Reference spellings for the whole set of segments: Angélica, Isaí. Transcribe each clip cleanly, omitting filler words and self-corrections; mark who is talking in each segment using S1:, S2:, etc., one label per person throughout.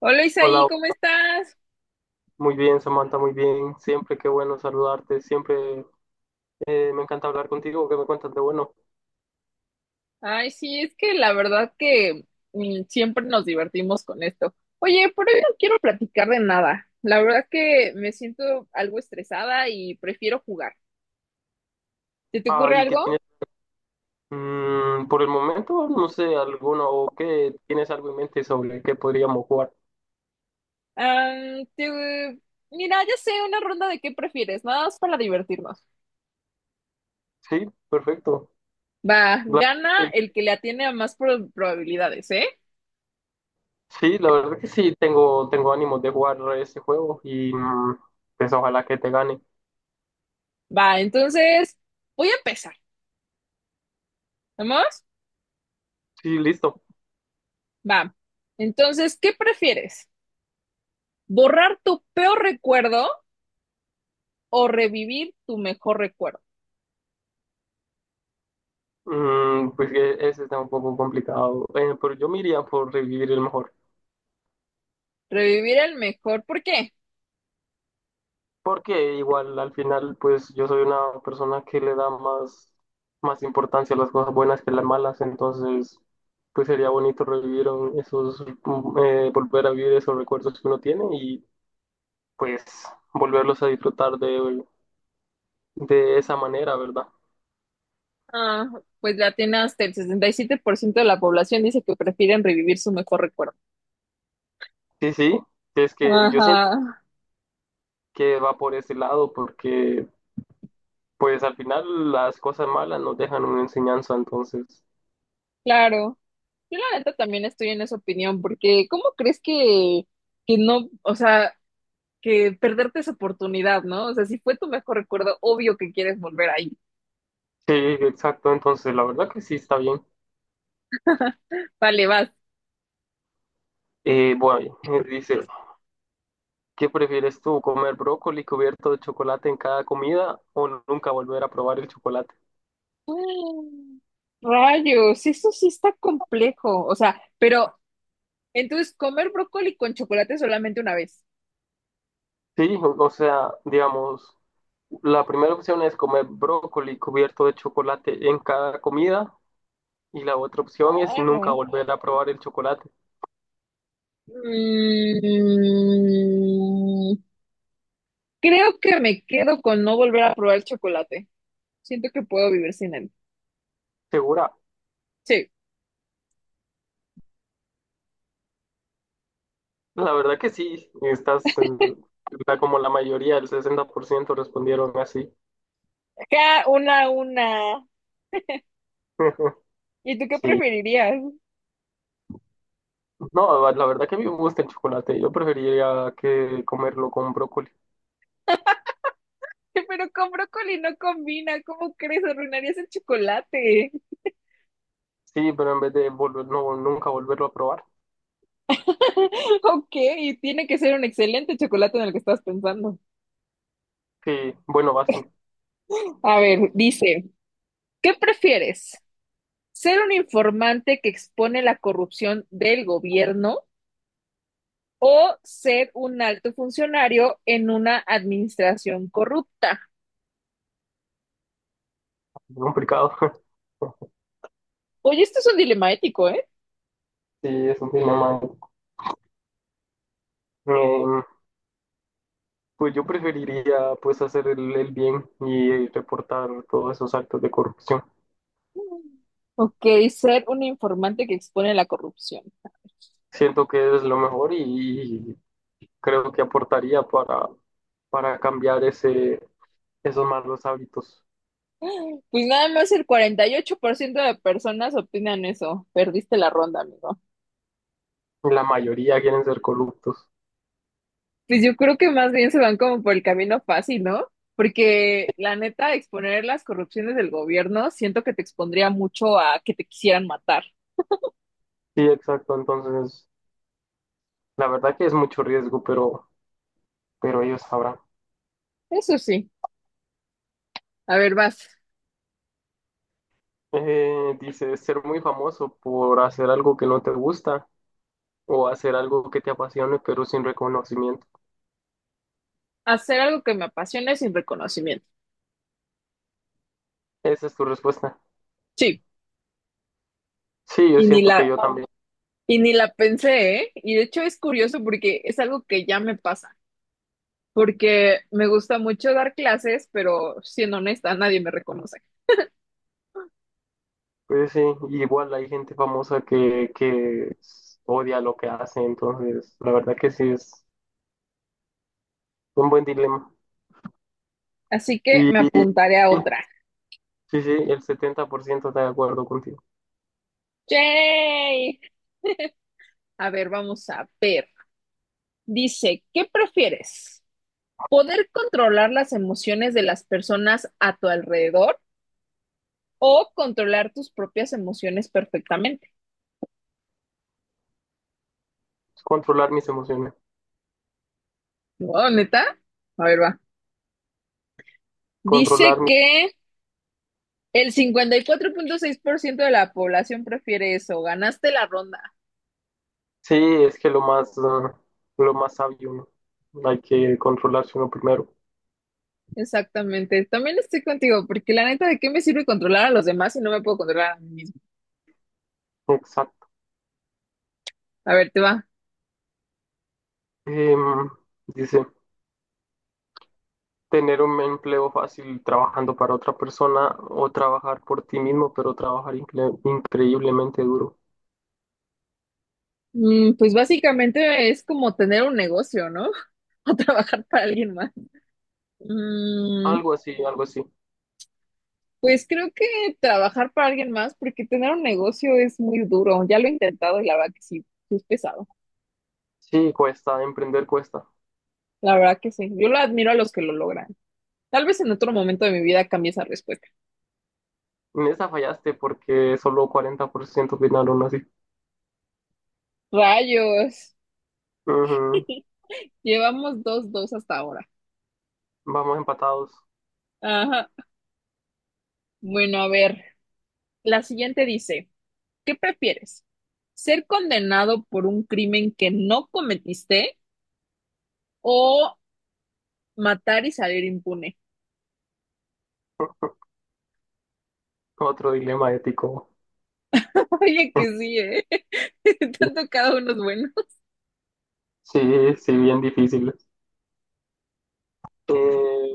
S1: Hola
S2: Hola,
S1: Isaí,
S2: hola.
S1: ¿cómo estás?
S2: Muy bien, Samantha, muy bien. Siempre qué bueno saludarte, siempre. Me encanta hablar contigo. ¿Qué me cuentas de bueno?
S1: Ay, sí, es que la verdad que siempre nos divertimos con esto. Oye, pero hoy no quiero platicar de nada. La verdad que me siento algo estresada y prefiero jugar. ¿Se te
S2: Ah,
S1: ocurre
S2: ¿y qué
S1: algo?
S2: tienes? Por el momento, no sé, alguno o qué tienes algo en mente sobre qué podríamos jugar.
S1: Am, te- Mira, ya sé, una ronda de qué prefieres, nada más para divertirnos.
S2: Sí, perfecto.
S1: Va,
S2: La-
S1: gana
S2: eh,
S1: el que le atiene a más probabilidades, ¿eh?
S2: sí, la verdad que sí, tengo ánimos de jugar ese juego y, pues ojalá que te gane.
S1: Va, entonces voy a empezar. ¿Vamos?
S2: Sí, listo.
S1: Va. Entonces, ¿qué prefieres? Borrar tu peor recuerdo o revivir tu mejor recuerdo.
S2: Pues que ese está un poco complicado, pero yo me iría por revivir el mejor.
S1: Revivir el mejor, ¿por qué?
S2: Porque igual al final, pues yo soy una persona que le da más, más importancia a las cosas buenas que a las malas. Entonces pues sería bonito revivir esos, volver a vivir esos recuerdos que uno tiene y pues volverlos a disfrutar de esa manera, ¿verdad?
S1: Ah, pues la tiene hasta el 67% de la población dice que prefieren revivir su mejor recuerdo.
S2: Sí, sí, es que yo siento
S1: Ajá,
S2: que va por ese lado, porque pues al final las cosas malas nos dejan una enseñanza. Entonces
S1: claro. Yo la neta también estoy en esa opinión, porque ¿cómo crees que no, o sea, que perderte esa oportunidad, ¿no? O sea, si fue tu mejor recuerdo, obvio que quieres volver ahí.
S2: sí, exacto, entonces la verdad que sí está bien.
S1: Vale, vas.
S2: Bueno, dice: ¿Qué prefieres tú, comer brócoli cubierto de chocolate en cada comida o nunca volver a probar el chocolate?
S1: Mm, Rayos, eso sí está complejo. O sea, pero entonces, comer brócoli con chocolate solamente una vez.
S2: Sí, o sea, digamos, la primera opción es comer brócoli cubierto de chocolate en cada comida y la otra opción es
S1: Ah,
S2: nunca
S1: no.
S2: volver a probar el chocolate.
S1: Mm, creo que me quedo con no volver a probar chocolate. Siento que puedo vivir sin él.
S2: ¿Segura?
S1: Sí.
S2: La verdad que sí, estás está como la mayoría, el 60% respondieron así.
S1: Acá una, a una. ¿Y tú qué
S2: Sí,
S1: preferirías?
S2: no, la verdad que a mí me gusta el chocolate, yo preferiría que comerlo con brócoli.
S1: Pero con brócoli no combina. ¿Cómo crees? Arruinarías el chocolate.
S2: Sí, pero en vez de volver, no, nunca volverlo a probar.
S1: Ok, tiene que ser un excelente chocolate en el que estás pensando.
S2: Que bueno, vas tú.
S1: A ver, dice, ¿qué prefieres? Ser un informante que expone la corrupción del gobierno o ser un alto funcionario en una administración corrupta.
S2: Es complicado.
S1: Oye, esto es un dilema ético, ¿eh?
S2: Sí, es un dilema. Eh, pues yo preferiría pues hacer el bien y reportar todos esos actos de corrupción.
S1: Ok, ser un informante que expone la corrupción.
S2: Siento que es lo mejor y creo que aportaría para cambiar ese, esos malos hábitos.
S1: Pues nada más el 48% de personas opinan eso. Perdiste la ronda, amigo.
S2: La mayoría quieren ser corruptos.
S1: Pues yo creo que más bien se van como por el camino fácil, ¿no? Porque la neta, exponer las corrupciones del gobierno, siento que te expondría mucho a que te quisieran matar.
S2: Sí, exacto. Entonces, la verdad que es mucho riesgo, pero ellos sabrán.
S1: Eso sí. A ver, vas.
S2: Dice: ser muy famoso por hacer algo que no te gusta, o hacer algo que te apasione pero sin reconocimiento.
S1: Hacer algo que me apasione sin reconocimiento.
S2: Esa es tu respuesta.
S1: Sí,
S2: Sí, yo
S1: y ni
S2: siento que
S1: la,
S2: yo, wow, también.
S1: y ni la pensé, ¿eh? Y de hecho es curioso porque es algo que ya me pasa. Porque me gusta mucho dar clases, pero siendo honesta, nadie me reconoce.
S2: Pues sí, igual hay gente famosa que, que odia lo que hace, entonces la verdad que sí es un buen dilema.
S1: Así que
S2: Y
S1: me
S2: sí,
S1: apuntaré a otra.
S2: sí, sí, el 70% está de acuerdo contigo.
S1: ¡Yay! A ver, vamos a ver. Dice, ¿qué prefieres? ¿Poder controlar las emociones de las personas a tu alrededor o controlar tus propias emociones perfectamente?
S2: Es controlar mis emociones,
S1: Wow, neta. A ver, va. Dice
S2: controlar mi...
S1: que el 54.6% de la población prefiere eso. Ganaste la ronda.
S2: Sí, es que lo más, ah, lo más sabio, ¿no? Hay que controlarse uno primero.
S1: Exactamente. También estoy contigo, porque la neta, ¿de qué me sirve controlar a los demás si no me puedo controlar a mí mismo?
S2: Exacto.
S1: A ver, te va.
S2: Em, Dice: tener un empleo fácil trabajando para otra persona o trabajar por ti mismo, pero trabajar increíblemente duro.
S1: Pues básicamente es como tener un negocio, ¿no? O trabajar para alguien más. Mm,
S2: Algo así, algo así.
S1: Pues creo que trabajar para alguien más, porque tener un negocio es muy duro. Ya lo he intentado y la verdad que sí, sí es pesado.
S2: Sí, cuesta, emprender cuesta.
S1: La verdad que sí. Yo lo admiro a los que lo logran. Tal vez en otro momento de mi vida cambie esa respuesta.
S2: En esa fallaste porque solo 40% opinaron así.
S1: Rayos.
S2: Ujú.
S1: Llevamos dos, dos hasta ahora.
S2: Vamos empatados.
S1: Ajá. Bueno, a ver. La siguiente dice, ¿qué prefieres? ¿Ser condenado por un crimen que no cometiste o matar y salir impune?
S2: Otro dilema ético.
S1: Oye, que sí, ¿eh? Tanto cada uno es bueno.
S2: Sí, sí, bien difícil. Eh,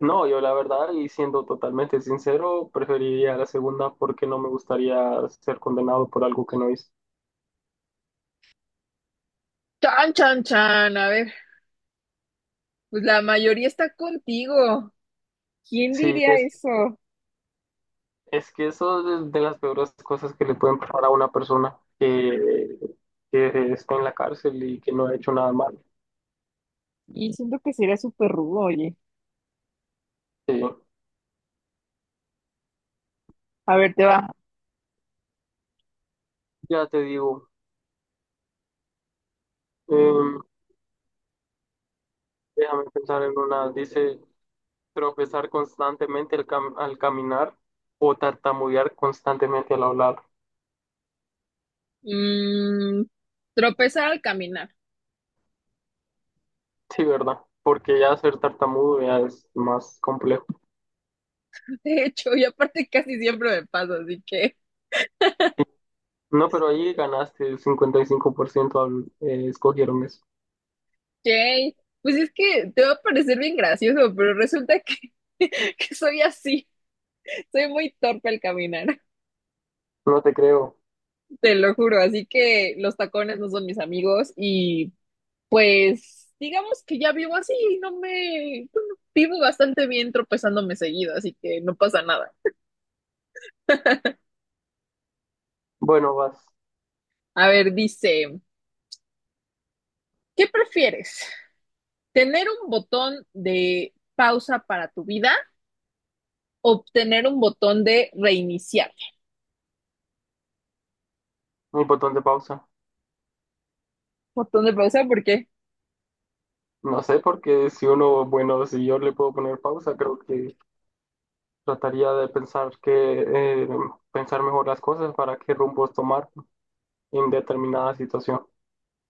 S2: no, yo la verdad, y siendo totalmente sincero, preferiría la segunda porque no me gustaría ser condenado por algo que no hice.
S1: Chan, chan, chan. A ver, pues la mayoría está contigo. ¿Quién
S2: Sí,
S1: diría eso?
S2: es que eso es de las peores cosas que le pueden pasar a una persona que está en la cárcel y que no ha hecho nada malo.
S1: Y siento que sería súper rudo, oye.
S2: Sí,
S1: A ver, te va.
S2: ya te digo, em, déjame pensar en una. Dice: tropezar constantemente al caminar, o tartamudear constantemente al hablar.
S1: Mm, tropezar al caminar.
S2: Sí, ¿verdad? Porque ya ser tartamudo ya es más complejo.
S1: De hecho, y aparte casi siempre me pasa, así que.
S2: No, pero ahí ganaste el 55% escogieron eso.
S1: Yay. Pues es que te va a parecer bien gracioso, pero resulta que, que soy así. Soy muy torpe al caminar,
S2: No te creo.
S1: te lo juro. Así que los tacones no son mis amigos y pues digamos que ya vivo así, no me bueno, vivo bastante bien tropezándome seguido, así que no pasa nada.
S2: Bueno, vas.
S1: A ver, dice, ¿qué prefieres? ¿Tener un botón de pausa para tu vida o tener un botón de reiniciar?
S2: Un botón de pausa.
S1: Botón de pausa, ¿por qué?
S2: No sé, porque si uno, bueno, si yo le puedo poner pausa, creo que trataría de pensar que, pensar mejor las cosas para qué rumbos tomar en determinada situación.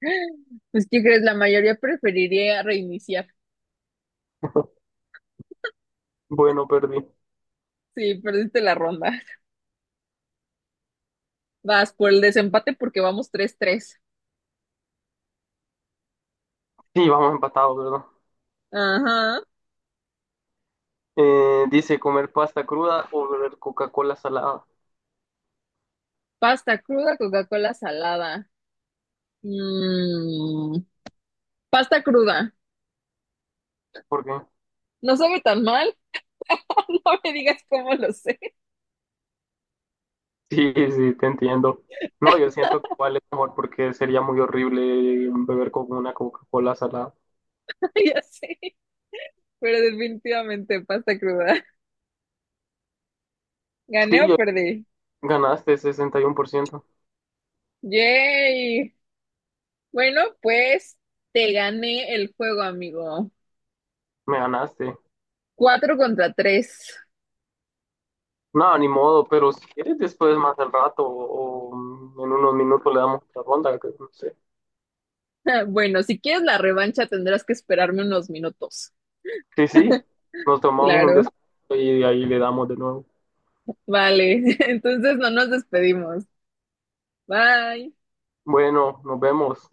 S1: Pues, ¿qué crees? La mayoría preferiría reiniciar.
S2: Bueno, perdí.
S1: Sí, perdiste la ronda. Vas por el desempate porque vamos 3-3.
S2: Sí, vamos empatados, ¿verdad?
S1: Ajá.
S2: Dice: comer pasta cruda o beber Coca-Cola salada.
S1: Pasta cruda, Coca-Cola salada. Mm, Pasta cruda.
S2: ¿Por qué?
S1: No sabe tan mal. No me digas cómo lo sé.
S2: Sí, sí, te entiendo. No, yo siento que igual es mejor, porque sería muy horrible beber con una Coca-Cola salada.
S1: Ya sé. Pero definitivamente pasta cruda. ¿Gané
S2: Sí,
S1: o
S2: yo-
S1: perdí?
S2: ganaste 61%.
S1: Yay. Bueno, pues te gané el juego, amigo.
S2: Me ganaste.
S1: 4-3.
S2: No, ni modo, pero si quieres después más al rato o en unos minutos le damos otra ronda, que no sé.
S1: Bueno, si quieres la revancha tendrás que esperarme unos minutos.
S2: Sí, sí, nos tomamos un
S1: Claro.
S2: descanso y de ahí le damos de nuevo.
S1: Vale. Entonces no nos despedimos. Bye.
S2: Bueno, nos vemos.